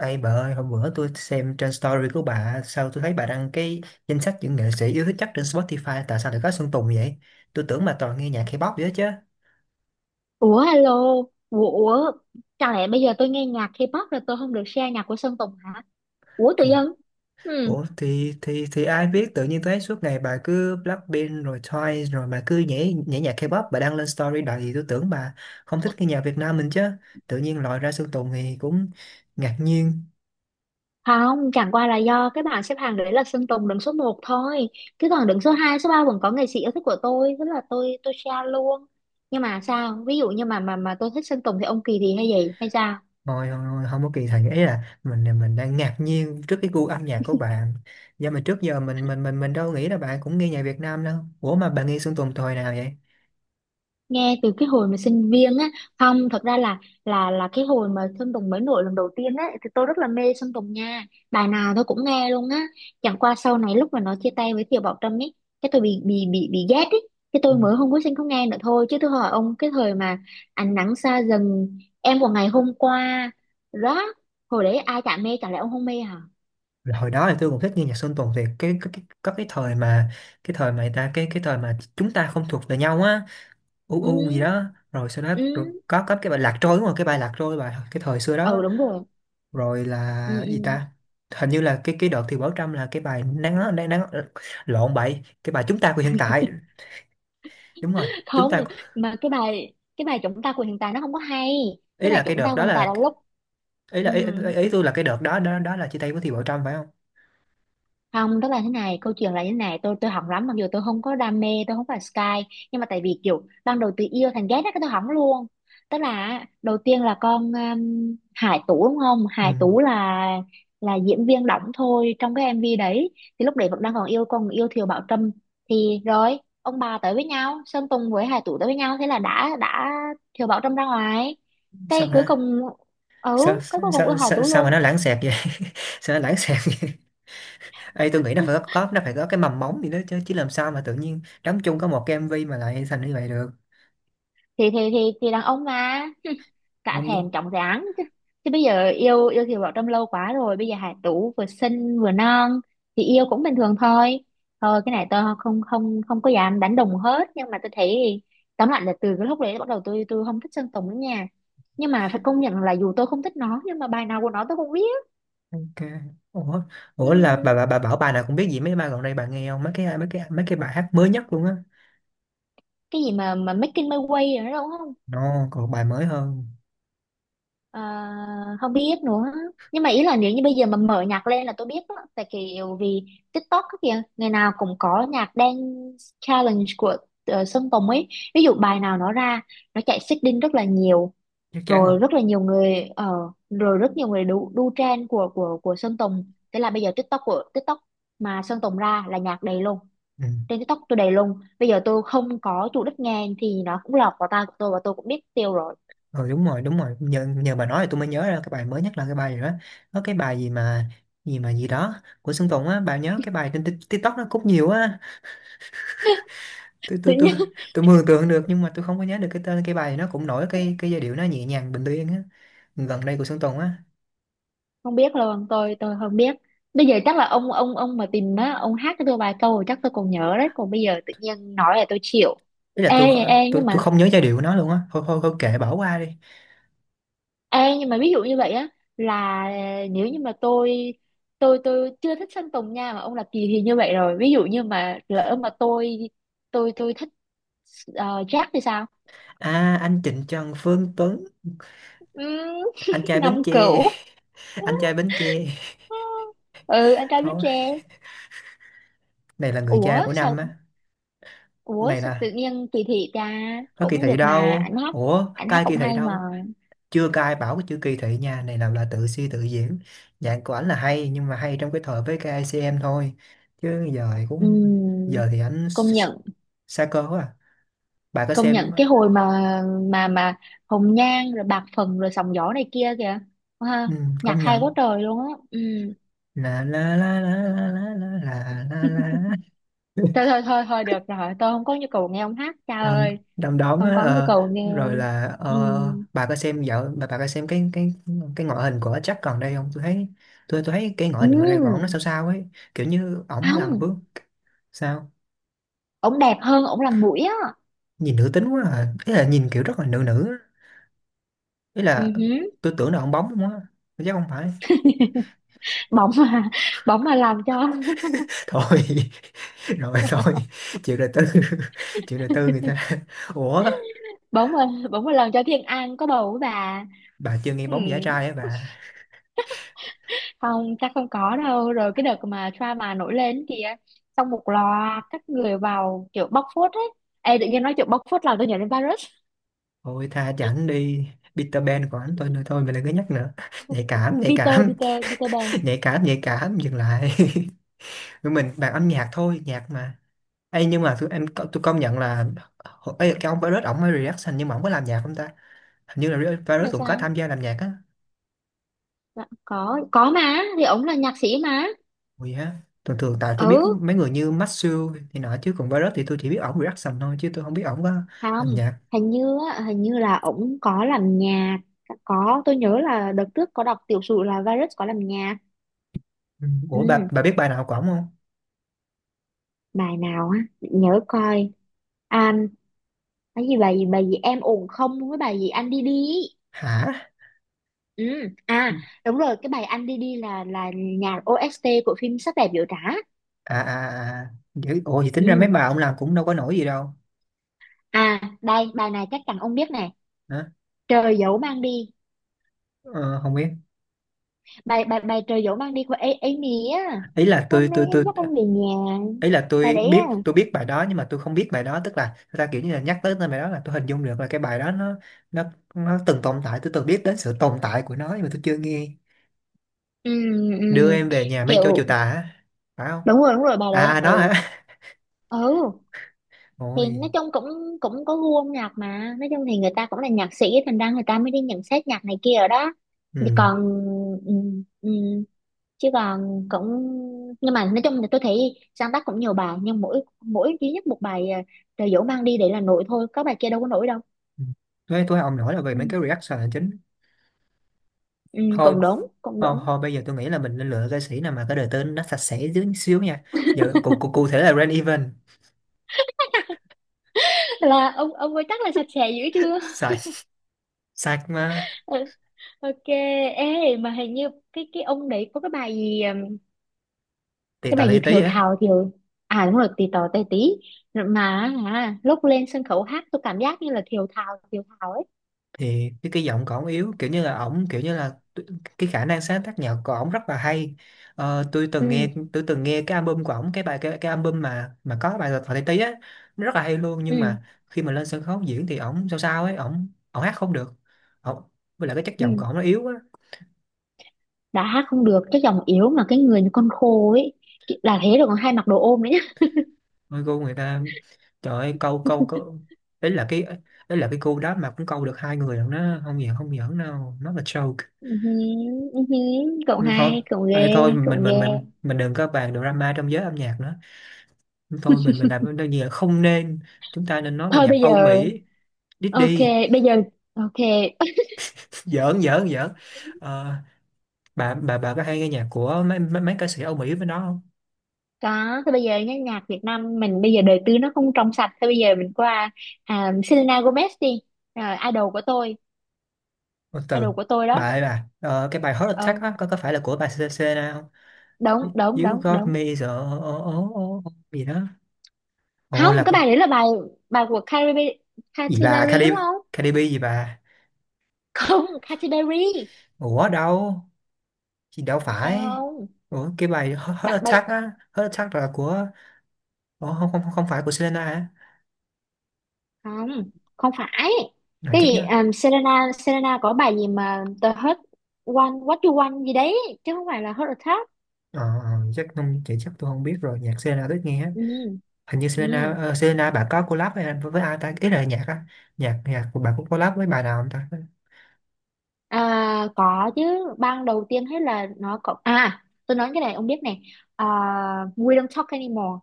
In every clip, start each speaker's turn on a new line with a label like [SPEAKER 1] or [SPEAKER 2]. [SPEAKER 1] Ê bà ơi, hôm bữa tôi xem trên story của bà, sao tôi thấy bà đăng cái danh sách những nghệ sĩ yêu thích chắc trên Spotify, tại sao lại có Sơn Tùng vậy? Tôi tưởng bà toàn nghe nhạc K-pop vậy chứ.
[SPEAKER 2] Ủa alo, ủa, ủa, chẳng lẽ bây giờ tôi nghe nhạc K-pop là tôi không được share nhạc của Sơn Tùng hả? Ủa tự
[SPEAKER 1] Ủa,
[SPEAKER 2] dưng? Ừ,
[SPEAKER 1] ủa, thì ai biết tự nhiên tôi thấy suốt ngày bà cứ Blackpink rồi Twice rồi bà cứ nhảy nhảy nhạc K-pop bà đăng lên story đầy, tôi tưởng bà không thích nghe nhạc Việt Nam mình chứ. Tự nhiên lòi ra Sơn Tùng thì cũng ngạc nhiên.
[SPEAKER 2] không, chẳng qua là do cái bảng xếp hạng đấy là Sơn Tùng đứng số một thôi. Chứ còn đứng số 2, số 3 vẫn có nghệ sĩ yêu thích của tôi, thế là tôi share luôn. Nhưng mà sao? Ví dụ như mà tôi thích Sơn Tùng thì ông Kỳ thì hay gì hay sao?
[SPEAKER 1] Thôi không, không, không có kỳ thị, ấy là mình đang ngạc nhiên trước cái gu âm nhạc của bạn, do mà trước giờ mình đâu nghĩ là bạn cũng nghe nhạc Việt Nam đâu. Ủa mà bạn nghe Sơn Tùng thời nào vậy?
[SPEAKER 2] Nghe từ cái hồi mà sinh viên á. Không, thật ra là cái hồi mà Sơn Tùng mới nổi lần đầu tiên á thì tôi rất là mê Sơn Tùng nha. Bài nào tôi cũng nghe luôn á. Chẳng qua sau này lúc mà nó chia tay với Thiều Bảo Trâm ấy, cái tôi bị ghét ấy, cái
[SPEAKER 1] Ừ.
[SPEAKER 2] tôi mới không có sinh không nghe nữa thôi. Chứ tôi hỏi ông, cái thời mà ánh nắng xa dần, em của ngày hôm qua đó, hồi đấy ai chả mê, chả lẽ ông không mê hả?
[SPEAKER 1] Là hồi đó thì tôi cũng thích nghe nhạc Sơn Tùng, thì cái có cái thời mà người ta cái thời mà chúng ta không thuộc về nhau á, u u gì
[SPEAKER 2] Ừ,
[SPEAKER 1] đó, rồi sau đó
[SPEAKER 2] ừ,
[SPEAKER 1] rồi có cái bài Lạc Trôi, đúng rồi cái bài Lạc Trôi, bài cái thời xưa
[SPEAKER 2] ừ,
[SPEAKER 1] đó,
[SPEAKER 2] đúng rồi.
[SPEAKER 1] rồi
[SPEAKER 2] Ừ,
[SPEAKER 1] là gì
[SPEAKER 2] ừ.
[SPEAKER 1] ta, hình như là cái đợt thì Bảo Trâm là cái bài nắng nắng, nắng, lộn bậy, cái bài Chúng Ta Của Hiện Tại, đúng rồi Chúng
[SPEAKER 2] Không,
[SPEAKER 1] Ta.
[SPEAKER 2] mà cái bài chúng ta của hiện tại nó không có hay.
[SPEAKER 1] Ý
[SPEAKER 2] Cái bài
[SPEAKER 1] là cái
[SPEAKER 2] chúng
[SPEAKER 1] đợt
[SPEAKER 2] ta của
[SPEAKER 1] đó
[SPEAKER 2] hiện tại
[SPEAKER 1] là,
[SPEAKER 2] là lúc...
[SPEAKER 1] ý
[SPEAKER 2] Ừ,
[SPEAKER 1] là ý tôi là cái đợt đó đó đó là chia tay với Thì Bảo Trâm phải không?
[SPEAKER 2] không, tức là thế này, câu chuyện là như thế này, tôi hỏng lắm, mặc dù tôi không có đam mê, tôi không phải Sky, nhưng mà tại vì kiểu ban đầu từ yêu thành ghét đó cái tôi hỏng luôn. Tức là á, đầu tiên là con Hải Tú đúng không?
[SPEAKER 1] Ừ.
[SPEAKER 2] Hải Tú là diễn viên đóng thôi trong cái MV đấy, thì lúc đấy vẫn đang còn yêu Thiều Bảo Trâm. Thì rồi ông bà tới với nhau, Sơn Tùng với Hải Tú tới với nhau, thế là đã Thiều Bảo Trâm ra ngoài.
[SPEAKER 1] sao
[SPEAKER 2] Cái
[SPEAKER 1] mà
[SPEAKER 2] cuối
[SPEAKER 1] nó-
[SPEAKER 2] cùng. Ừ,
[SPEAKER 1] sao,
[SPEAKER 2] cái cuối cùng yêu
[SPEAKER 1] sao,
[SPEAKER 2] Hải
[SPEAKER 1] sao,
[SPEAKER 2] Tú
[SPEAKER 1] sao mà
[SPEAKER 2] luôn.
[SPEAKER 1] nó lãng xẹt vậy? Sao nó lãng xẹt vậy? Ê, tôi nghĩ nó phải có nó phải có cái mầm móng gì đó chứ, chứ làm sao mà tự nhiên đóng chung có một cái MV mà lại thành như vậy được?
[SPEAKER 2] Thì đàn ông mà cả
[SPEAKER 1] Không nhớ.
[SPEAKER 2] thèm chóng dáng chứ chứ bây giờ yêu yêu Kiều Bảo Trâm lâu quá rồi, bây giờ Hải Tú vừa xinh vừa non thì yêu cũng bình thường thôi. Thôi, cái này tôi không không không có dám đánh đồng hết, nhưng mà tôi thấy tóm lại là từ cái lúc đấy bắt đầu tôi không thích Sơn Tùng nữa nha. Nhưng mà phải công nhận là dù tôi không thích nó nhưng mà bài nào của nó tôi cũng biết.
[SPEAKER 1] Ok. Ủa, ủa là bà
[SPEAKER 2] Ừm,
[SPEAKER 1] bà bà bảo bà nào cũng biết, gì mấy bài gần đây bà nghe không? Mấy cái mấy cái bài hát mới nhất luôn á.
[SPEAKER 2] cái gì mà Making My Way rồi đó đúng không?
[SPEAKER 1] No, còn bài mới hơn.
[SPEAKER 2] Ờ, không biết nữa. Nhưng mà ý là nếu như bây giờ mà mở nhạc lên là tôi biết á, tại kiểu vì TikTok á kìa, ngày nào cũng có nhạc dance challenge của Sơn Tùng ấy. Ví dụ bài nào nó ra, nó chạy xích đinh rất là nhiều,
[SPEAKER 1] Chắc chắn rồi.
[SPEAKER 2] rồi rất là nhiều người rồi rất nhiều người đu trend của Sơn Tùng, thế là bây giờ TikTok của TikTok mà Sơn Tùng ra là nhạc đầy luôn.
[SPEAKER 1] Ừ.
[SPEAKER 2] Trên TikTok tôi đầy luôn, bây giờ tôi không có chủ đích nghe thì nó cũng lọt vào tai của tôi và tôi cũng biết tiêu rồi.
[SPEAKER 1] Ừ, đúng rồi đúng rồi, nhờ bà nói thì tôi mới nhớ ra cái bài mới nhất là cái bài gì đó, có cái bài gì mà gì mà gì đó của Sơn Tùng á, bà nhớ cái bài trên TikTok nó cũng nhiều á, tôi tôi mường tượng được nhưng mà tôi không có nhớ được cái tên, cái bài nó cũng nổi, cái giai điệu nó nhẹ nhàng bình yên á, gần đây của Sơn Tùng á.
[SPEAKER 2] Không biết luôn, tôi không biết. Bây giờ chắc là ông mà tìm á, ông hát cho tôi vài câu rồi chắc tôi còn nhớ đấy, còn bây giờ tự nhiên nói là tôi chịu.
[SPEAKER 1] Ý là
[SPEAKER 2] ê ê
[SPEAKER 1] tôi
[SPEAKER 2] nhưng
[SPEAKER 1] tôi
[SPEAKER 2] mà
[SPEAKER 1] không nhớ giai điệu của nó luôn á, thôi thôi thôi kệ bỏ qua đi.
[SPEAKER 2] ê nhưng mà ví dụ như vậy á, là nếu như mà tôi chưa thích Sơn Tùng nha mà ông là kỳ thì như vậy rồi, ví dụ như mà lỡ mà tôi thích uh, Jack thì sao?
[SPEAKER 1] À anh Trịnh Trần Phương Tuấn,
[SPEAKER 2] Ừm.
[SPEAKER 1] anh trai Bến
[SPEAKER 2] Năm
[SPEAKER 1] Tre.
[SPEAKER 2] cửu.
[SPEAKER 1] Anh trai Bến Tre.
[SPEAKER 2] Ừ, anh trai biết
[SPEAKER 1] Thôi,
[SPEAKER 2] tre.
[SPEAKER 1] này là người cha
[SPEAKER 2] ủa
[SPEAKER 1] của năm
[SPEAKER 2] sao
[SPEAKER 1] á.
[SPEAKER 2] Ủa
[SPEAKER 1] Này
[SPEAKER 2] sao
[SPEAKER 1] là
[SPEAKER 2] tự nhiên kỳ thị ta?
[SPEAKER 1] có kỳ
[SPEAKER 2] Cũng
[SPEAKER 1] thị
[SPEAKER 2] được mà,
[SPEAKER 1] đâu,
[SPEAKER 2] ảnh hát
[SPEAKER 1] ủa
[SPEAKER 2] ảnh hát
[SPEAKER 1] cai kỳ
[SPEAKER 2] cũng
[SPEAKER 1] thị
[SPEAKER 2] hay mà.
[SPEAKER 1] đâu. Chưa cai bảo cái chữ kỳ thị nha, này làm là tự suy tự diễn. Nhạc của ảnh là hay nhưng mà hay trong cái thời với ca i KICM thôi, chứ giờ thì cũng
[SPEAKER 2] Ừm,
[SPEAKER 1] giờ thì
[SPEAKER 2] công nhận.
[SPEAKER 1] xa cơ quá à. Bà có
[SPEAKER 2] Công
[SPEAKER 1] xem
[SPEAKER 2] nhận cái hồi mà mà mà Hồng Nhan rồi Bạc Phần rồi Sóng Gió này kia kìa ha,
[SPEAKER 1] ừ,
[SPEAKER 2] nhạc
[SPEAKER 1] công
[SPEAKER 2] hay
[SPEAKER 1] nhận
[SPEAKER 2] quá trời luôn á. Ừ.
[SPEAKER 1] la la la la la la la la la la.
[SPEAKER 2] thôi thôi thôi thôi được rồi, tôi không có nhu cầu nghe ông hát, cha
[SPEAKER 1] Đom
[SPEAKER 2] ơi.
[SPEAKER 1] đom đóm
[SPEAKER 2] Không
[SPEAKER 1] á,
[SPEAKER 2] có nhu
[SPEAKER 1] ờ,
[SPEAKER 2] cầu nghe.
[SPEAKER 1] rồi là
[SPEAKER 2] Ừ.
[SPEAKER 1] ờ, bà có xem dạo bà có xem cái ngoại hình của Jack còn đây không? Tôi thấy tôi thấy cái ngoại hình gần đây của ổng nó
[SPEAKER 2] Ừ.
[SPEAKER 1] sao sao ấy, kiểu như ổng làm
[SPEAKER 2] Không,
[SPEAKER 1] vướng sao,
[SPEAKER 2] ông đẹp hơn, ông làm mũi á.
[SPEAKER 1] nhìn nữ tính quá à, ý là nhìn kiểu rất là nữ nữ á. Ý
[SPEAKER 2] Ừ
[SPEAKER 1] là
[SPEAKER 2] hứ.
[SPEAKER 1] tôi tưởng là ông bóng không á, chắc không phải.
[SPEAKER 2] Bóng mà bỗng mà làm cho
[SPEAKER 1] Thôi, rồi thôi, chuyện đời tư. Chuyện đời tư người ta. Ủa
[SPEAKER 2] bỗng một lần cho Thiên An có bầu với bà.
[SPEAKER 1] bà chưa nghe
[SPEAKER 2] Ừ.
[SPEAKER 1] bóng giả trai á bà?
[SPEAKER 2] Không, chắc không có đâu, rồi cái đợt mà drama nổi lên kìa, xong một loạt các người vào kiểu bóc phốt ấy. Ê, tự nhiên nói chuyện bóc phốt làm tôi nhớ đến virus.
[SPEAKER 1] Thôi tha cho ảnh đi, Peter Pan của ảnh thôi, nữa thôi mình đừng có nhắc nữa. Nhạy cảm nhạy
[SPEAKER 2] Peter
[SPEAKER 1] cảm.
[SPEAKER 2] Peter Peter Pan.
[SPEAKER 1] Nhạy cảm nhạy cảm, dừng lại. Tụi mình bàn âm nhạc thôi, nhạc mà. Ê nhưng mà tụi em tôi công nhận là, ê, cái ông Virus ổng mới reaction nhưng mà ổng có làm nhạc không ta? Hình như là Virus
[SPEAKER 2] Là
[SPEAKER 1] cũng có
[SPEAKER 2] sao?
[SPEAKER 1] tham gia làm nhạc á.
[SPEAKER 2] Dạ, có mà, thì ổng là nhạc sĩ mà.
[SPEAKER 1] Ui ha, thường thường tại tôi biết
[SPEAKER 2] Ừ.
[SPEAKER 1] mấy người như Maxu thì nọ chứ còn Virus thì tôi chỉ biết ổng reaction thôi chứ tôi không biết ổng có làm
[SPEAKER 2] Không,
[SPEAKER 1] nhạc.
[SPEAKER 2] hình như là ổng có làm nhạc. Có, tôi nhớ là đợt trước có đọc tiểu sử là virus có làm nhạc.
[SPEAKER 1] Ừ.
[SPEAKER 2] Ừ,
[SPEAKER 1] Ủa bà biết bài nào của ổng không?
[SPEAKER 2] bài nào á, để nhớ coi. À, cái gì, bài gì em ổn không với bài gì anh đi đi ý.
[SPEAKER 1] Hả?
[SPEAKER 2] Ừ. À, đúng rồi, cái bài anh đi đi là nhạc OST của phim Sắc đẹp biểu trá.
[SPEAKER 1] À à à. À. Dữ- ủa thì tính ra mấy
[SPEAKER 2] Ừ.
[SPEAKER 1] bài ông làm cũng đâu có nổi gì đâu.
[SPEAKER 2] À, đây bài này chắc chắn ông biết nè,
[SPEAKER 1] Hả?
[SPEAKER 2] trời dẫu mang đi.
[SPEAKER 1] Ờ, không biết.
[SPEAKER 2] Bài bài bài trời dẫu mang đi của Amy á.
[SPEAKER 1] Ý là tôi
[SPEAKER 2] Hôm nay
[SPEAKER 1] tôi
[SPEAKER 2] em
[SPEAKER 1] tôi
[SPEAKER 2] dắt anh về nhà,
[SPEAKER 1] ý là
[SPEAKER 2] bài đấy á.
[SPEAKER 1] tôi biết bài đó nhưng mà tôi không biết bài đó, tức là người ta kiểu như là nhắc tới tên bài đó là tôi hình dung được là cái bài đó nó nó từng tồn tại, tôi từng biết đến sự tồn tại của nó nhưng mà tôi chưa nghe.
[SPEAKER 2] Ừ,
[SPEAKER 1] Đưa
[SPEAKER 2] ừ.
[SPEAKER 1] em về nhà mây trôi chiều
[SPEAKER 2] Kiểu,
[SPEAKER 1] tà hả, phải không?
[SPEAKER 2] đúng rồi bài
[SPEAKER 1] À
[SPEAKER 2] đấy.
[SPEAKER 1] à, đó
[SPEAKER 2] Ừ.
[SPEAKER 1] hả.
[SPEAKER 2] Ừ, thì
[SPEAKER 1] Ôi.
[SPEAKER 2] nói chung cũng cũng có gu âm nhạc mà, nói chung thì người ta cũng là nhạc sĩ thành ra người ta mới đi nhận xét nhạc này kia ở đó. Thì
[SPEAKER 1] Ừ.
[SPEAKER 2] còn, ừ, ừ, chứ còn cũng... nhưng mà nói chung là tôi thấy sáng tác cũng nhiều bài nhưng mỗi mỗi duy nhất một bài à, Trời dỗ mang đi để là nổi thôi, có bài kia đâu có nổi đâu.
[SPEAKER 1] Tôi ông nổi là về
[SPEAKER 2] Ừ,
[SPEAKER 1] mấy cái reaction là chính.
[SPEAKER 2] ừ,
[SPEAKER 1] Thôi
[SPEAKER 2] cũng đúng cũng
[SPEAKER 1] Thôi,
[SPEAKER 2] đúng.
[SPEAKER 1] thôi bây giờ tôi nghĩ là mình nên lựa ca sĩ nào mà cái đời tên nó sạch sẽ dưới xíu nha, giờ cụ cụ cụ thể là Rain Event.
[SPEAKER 2] Là ông ấy chắc là sạch sẽ dữ chưa?
[SPEAKER 1] Sai, sai mà.
[SPEAKER 2] Ừ, ok. Ê, mà hình như cái ông đấy có cái bài gì,
[SPEAKER 1] Tì
[SPEAKER 2] cái
[SPEAKER 1] tò
[SPEAKER 2] bài
[SPEAKER 1] tí
[SPEAKER 2] gì
[SPEAKER 1] tí
[SPEAKER 2] thiều
[SPEAKER 1] á.
[SPEAKER 2] thào thiều... À, đúng rồi, tì tò tè tí mà, à, lúc lên sân khấu hát tôi cảm giác như là thiều thào ấy.
[SPEAKER 1] Thì cái giọng của ổng yếu, kiểu như là ổng kiểu như là cái khả năng sáng tác nhạc của ổng rất là hay. Ờ, tôi
[SPEAKER 2] Ừ,
[SPEAKER 1] từng nghe tôi từng nghe cái album của ổng, cái bài cái album mà có bài Thọ Tây Tý á, nó rất là hay luôn nhưng
[SPEAKER 2] ừ,
[SPEAKER 1] mà khi mà lên sân khấu diễn thì ổng sao sao ấy, ổng ổng hát không được ổng, với lại cái chất
[SPEAKER 2] ừ,
[SPEAKER 1] giọng của ổng nó yếu á.
[SPEAKER 2] đã hát không được, cái giọng yếu, mà cái người như con khô ấy, là thế rồi còn hay mặc đồ ôm nữa nhá.
[SPEAKER 1] Ôi cô người ta, trời ơi, câu câu câu Đấy là cái, đấy là cái cô đó mà cũng câu được hai người rồi, nó không giỡn không giỡn đâu, nó là joke.
[SPEAKER 2] Ừ hứ, ừ hứ, cậu
[SPEAKER 1] Ừ, thôi.
[SPEAKER 2] hai, cậu
[SPEAKER 1] Ê,
[SPEAKER 2] ghê,
[SPEAKER 1] thôi
[SPEAKER 2] cậu
[SPEAKER 1] mình
[SPEAKER 2] ghê.
[SPEAKER 1] mình mình mình đừng có bàn drama trong giới âm nhạc nữa, thôi mình làm đơn gì là không nên, chúng ta nên nói về
[SPEAKER 2] Thôi
[SPEAKER 1] nhạc
[SPEAKER 2] bây
[SPEAKER 1] Âu
[SPEAKER 2] giờ
[SPEAKER 1] Mỹ.
[SPEAKER 2] ok.
[SPEAKER 1] Diddy.
[SPEAKER 2] Bây giờ ok.
[SPEAKER 1] giỡn giỡn giỡn. Ờ, bà có hay nghe nhạc của mấy mấy, mấy ca sĩ Âu Mỹ với nó không?
[SPEAKER 2] Có, thôi bây giờ nhá, nhạc Việt Nam mình bây giờ đời tư nó không trong sạch, thôi bây giờ mình qua à, Selena Gomez đi. Rồi, idol của tôi,
[SPEAKER 1] Một từ
[SPEAKER 2] idol của tôi
[SPEAKER 1] bà
[SPEAKER 2] đó.
[SPEAKER 1] ơi bà, ờ, cái bài Heart Attack
[SPEAKER 2] Ờ,
[SPEAKER 1] á có phải là của bà CCC không?
[SPEAKER 2] đúng đúng
[SPEAKER 1] You
[SPEAKER 2] đúng
[SPEAKER 1] got
[SPEAKER 2] đúng.
[SPEAKER 1] me so, oh, oh, oh, gì đó. Ồ
[SPEAKER 2] Không,
[SPEAKER 1] là
[SPEAKER 2] cái
[SPEAKER 1] con
[SPEAKER 2] bài đấy là bài bài của Katy Perry,
[SPEAKER 1] gì,
[SPEAKER 2] Katy
[SPEAKER 1] bà
[SPEAKER 2] Perry đúng
[SPEAKER 1] Cardi,
[SPEAKER 2] không?
[SPEAKER 1] Cardi B gì bà?
[SPEAKER 2] Không, Katy Perry
[SPEAKER 1] Ủa đâu, chị đâu
[SPEAKER 2] phải
[SPEAKER 1] phải.
[SPEAKER 2] không?
[SPEAKER 1] Ủa cái bài Heart
[SPEAKER 2] Bạn bài...
[SPEAKER 1] Attack á, Heart Attack là của, ủa, không không không phải của Selena hả?
[SPEAKER 2] không, không phải.
[SPEAKER 1] Rồi
[SPEAKER 2] Cái
[SPEAKER 1] chắc
[SPEAKER 2] gì
[SPEAKER 1] nhớ.
[SPEAKER 2] Selena Selena có bài gì mà The Hurt One What You Want gì đấy chứ không phải là Heart Attack.
[SPEAKER 1] Ờ, ờ, chắc không chị, chắc tôi không biết rồi, nhạc Selena thích nghe á.
[SPEAKER 2] Ừ.
[SPEAKER 1] Hình như Selena
[SPEAKER 2] Ừ.
[SPEAKER 1] ờ, Selena bà có collab với, với ai ta, ý là nhạc á, nhạc nhạc của bà cũng collab với bài nào không ta?
[SPEAKER 2] À, có chứ. Ban đầu tiên hết là nó có à, tôi nói cái này ông biết này, à, We Don't Talk Anymore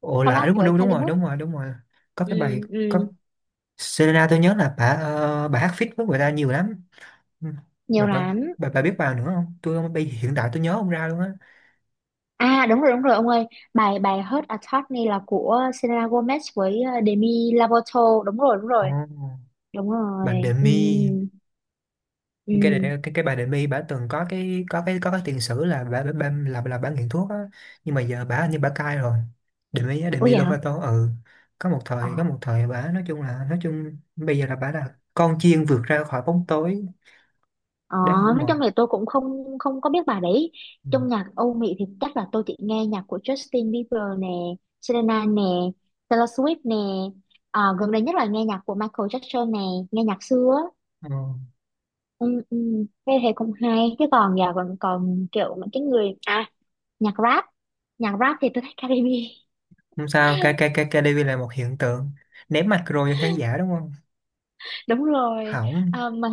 [SPEAKER 1] Ồ là à,
[SPEAKER 2] collab
[SPEAKER 1] đúng rồi,
[SPEAKER 2] với
[SPEAKER 1] đúng, đúng
[SPEAKER 2] Charlie
[SPEAKER 1] rồi
[SPEAKER 2] Puth.
[SPEAKER 1] đúng rồi đúng rồi Có
[SPEAKER 2] Ừ,
[SPEAKER 1] cái bài, có,
[SPEAKER 2] ừ.
[SPEAKER 1] Selena tôi nhớ là bà, ờ, bà hát feat với người ta nhiều lắm. Ừ. bà
[SPEAKER 2] Nhiều
[SPEAKER 1] bà
[SPEAKER 2] lắm.
[SPEAKER 1] bà biết bài nữa không? Tôi không bây hiện tại tôi nhớ không ra luôn á.
[SPEAKER 2] À, đúng rồi ông ơi, bài bài Hurt Attorney là của Selena Gomez với Demi Lovato, đúng rồi đúng
[SPEAKER 1] Ồ,
[SPEAKER 2] rồi đúng rồi.
[SPEAKER 1] bà
[SPEAKER 2] Ừ,
[SPEAKER 1] Demi,
[SPEAKER 2] ừ.
[SPEAKER 1] cái bà Đệm My bà từng có cái có cái tiền sử là bà là bà nghiện thuốc á, nhưng mà giờ bà hình như bà cai rồi. Đệm My á, Đệm
[SPEAKER 2] Ủa
[SPEAKER 1] My
[SPEAKER 2] vậy hả?
[SPEAKER 1] Lovato. Ừ,
[SPEAKER 2] Ờ,
[SPEAKER 1] có một thời bà nói chung là nói chung bây giờ là bà là con chiên vượt ra khỏi bóng tối,
[SPEAKER 2] ờ.
[SPEAKER 1] đáng ngưỡng
[SPEAKER 2] Nói
[SPEAKER 1] mộ.
[SPEAKER 2] chung là tôi cũng không không có biết bài đấy.
[SPEAKER 1] Ừ.
[SPEAKER 2] Trong nhạc Âu Mỹ thì chắc là tôi chỉ nghe nhạc của Justin Bieber nè, Selena nè, Taylor Swift nè, à, gần đây nhất là nghe nhạc của Michael Jackson nè, nghe nhạc xưa á.
[SPEAKER 1] Ờ,
[SPEAKER 2] Ừ, ừ, thế thì cũng hay chứ còn giờ, còn còn kiểu những cái người à nhạc rap nhạc rap thì tôi thích Caribe.
[SPEAKER 1] không sao KDV là một hiện tượng ném mạch rồi cho khán giả đúng không?
[SPEAKER 2] Đúng rồi.
[SPEAKER 1] Hỏng.
[SPEAKER 2] À, mà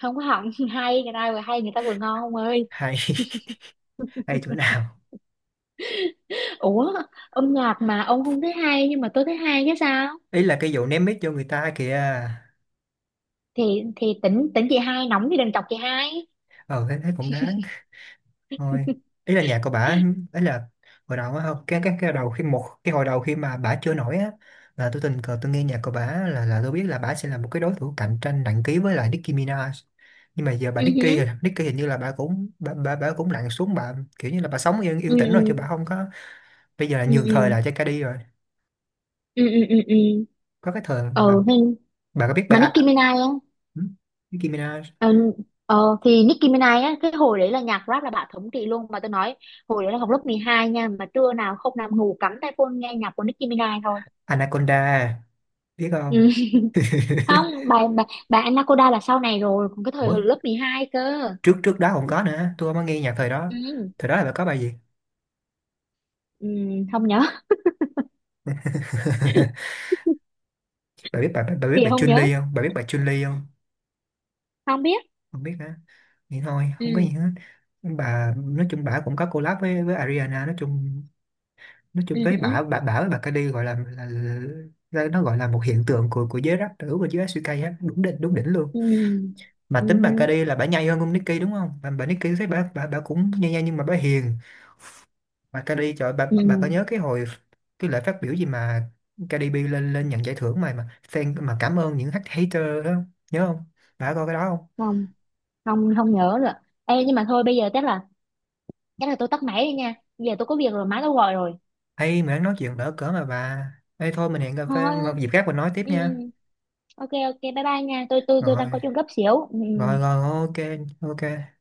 [SPEAKER 2] không có hỏng. Hay, người ta vừa hay, người ta vừa ngon ông ơi.
[SPEAKER 1] Hay. Hay chỗ nào?
[SPEAKER 2] Ủa, âm nhạc mà ông không thấy hay nhưng mà tôi thấy hay chứ sao.
[SPEAKER 1] Ý là cái vụ ném mic cho người ta kìa.
[SPEAKER 2] Thì tỉnh tỉnh chị hai nóng thì đừng chọc chị hai.
[SPEAKER 1] Ờ thế thế cũng đáng. Thôi, ý là nhà của bà ấy là hồi đầu á, không cái cái đầu khi một cái hồi đầu khi mà bà chưa nổi á, là tôi tình cờ tôi nghe nhạc của bà là tôi biết là bà sẽ là một cái đối thủ cạnh tranh nặng ký với lại Nicki Minaj, nhưng mà giờ bà
[SPEAKER 2] Ừ
[SPEAKER 1] Nicki rồi
[SPEAKER 2] hứ,
[SPEAKER 1] Nicki hình như là bà cũng bà cũng lặn xuống bà kiểu như là bà sống yên
[SPEAKER 2] ừ,
[SPEAKER 1] yên tĩnh rồi chứ bà không có, bây giờ là
[SPEAKER 2] ừ,
[SPEAKER 1] nhường thời
[SPEAKER 2] ừ,
[SPEAKER 1] lại cho Cardi rồi.
[SPEAKER 2] ừ, ừ, ừ, ừ, ừ, ừ.
[SPEAKER 1] Có cái thời mà
[SPEAKER 2] Ừ,
[SPEAKER 1] bà có biết
[SPEAKER 2] mà
[SPEAKER 1] bà,
[SPEAKER 2] Nicki Minaj á.
[SPEAKER 1] ừ? Nicki Minaj.
[SPEAKER 2] Ờ, ờ, thì Nicki Minaj á, cái hồi đấy là nhạc rap là bà thống trị luôn, mà tôi nói hồi đấy là học lớp 12 nha, mà trưa nào không nằm ngủ cắm tai phone nghe nhạc của Nicki Minaj thôi.
[SPEAKER 1] Anaconda biết không?
[SPEAKER 2] Ừ. Không, bà Anaconda là sau này rồi, còn cái thời
[SPEAKER 1] Ủa,
[SPEAKER 2] hồi lớp 12 cơ.
[SPEAKER 1] trước trước đó không có nữa, tôi không có nghe nhạc thời đó,
[SPEAKER 2] Ừ.
[SPEAKER 1] thời đó là bà có bài gì?
[SPEAKER 2] Ừ. Không nhớ.
[SPEAKER 1] Bà biết
[SPEAKER 2] Thì
[SPEAKER 1] bà
[SPEAKER 2] không
[SPEAKER 1] Chun
[SPEAKER 2] nhớ,
[SPEAKER 1] Li không? Bà biết bà Chun Li không?
[SPEAKER 2] không biết.
[SPEAKER 1] Không biết hả? Vậy thôi
[SPEAKER 2] Ừ.
[SPEAKER 1] không có gì hết. Bà nói chung bà cũng có collab với Ariana, nói chung, nói chung
[SPEAKER 2] Ừ.
[SPEAKER 1] với
[SPEAKER 2] Ừ.
[SPEAKER 1] bà với bà Cardi gọi là, là nó gọi là một hiện tượng của giới rap nữ và giới SK á, đúng đỉnh luôn.
[SPEAKER 2] Ừ.
[SPEAKER 1] Mà
[SPEAKER 2] Ừ.
[SPEAKER 1] tính bà
[SPEAKER 2] Ừ.
[SPEAKER 1] Cardi là bà nhây hơn ông Nicki đúng không, bà Nicki thấy bà cũng nhây nhây nhưng mà bà hiền. Mà Cardi trời, bà
[SPEAKER 2] Ừ.
[SPEAKER 1] bà có nhớ cái hồi cái lễ phát biểu gì mà Cardi B lên lên nhận giải thưởng mà fan mà cảm ơn những hater đó không? Nhớ không? Bà có coi cái đó không?
[SPEAKER 2] Không, không, không nhớ rồi. Ê, nhưng mà thôi bây giờ chắc là tôi tắt máy đi nha, bây giờ tôi có việc rồi, má tôi gọi rồi.
[SPEAKER 1] Ê, mình nói chuyện đỡ cỡ mà bà. Ê, thôi mình hẹn cà phê
[SPEAKER 2] Thôi,
[SPEAKER 1] một dịp khác mình nói tiếp
[SPEAKER 2] ừ,
[SPEAKER 1] nha.
[SPEAKER 2] ừ. Ok, ok, bye bye nha, tôi đang
[SPEAKER 1] Rồi,
[SPEAKER 2] có chuyện gấp xíu. Ừ,
[SPEAKER 1] rồi,
[SPEAKER 2] ừ.
[SPEAKER 1] rồi, ok, ok.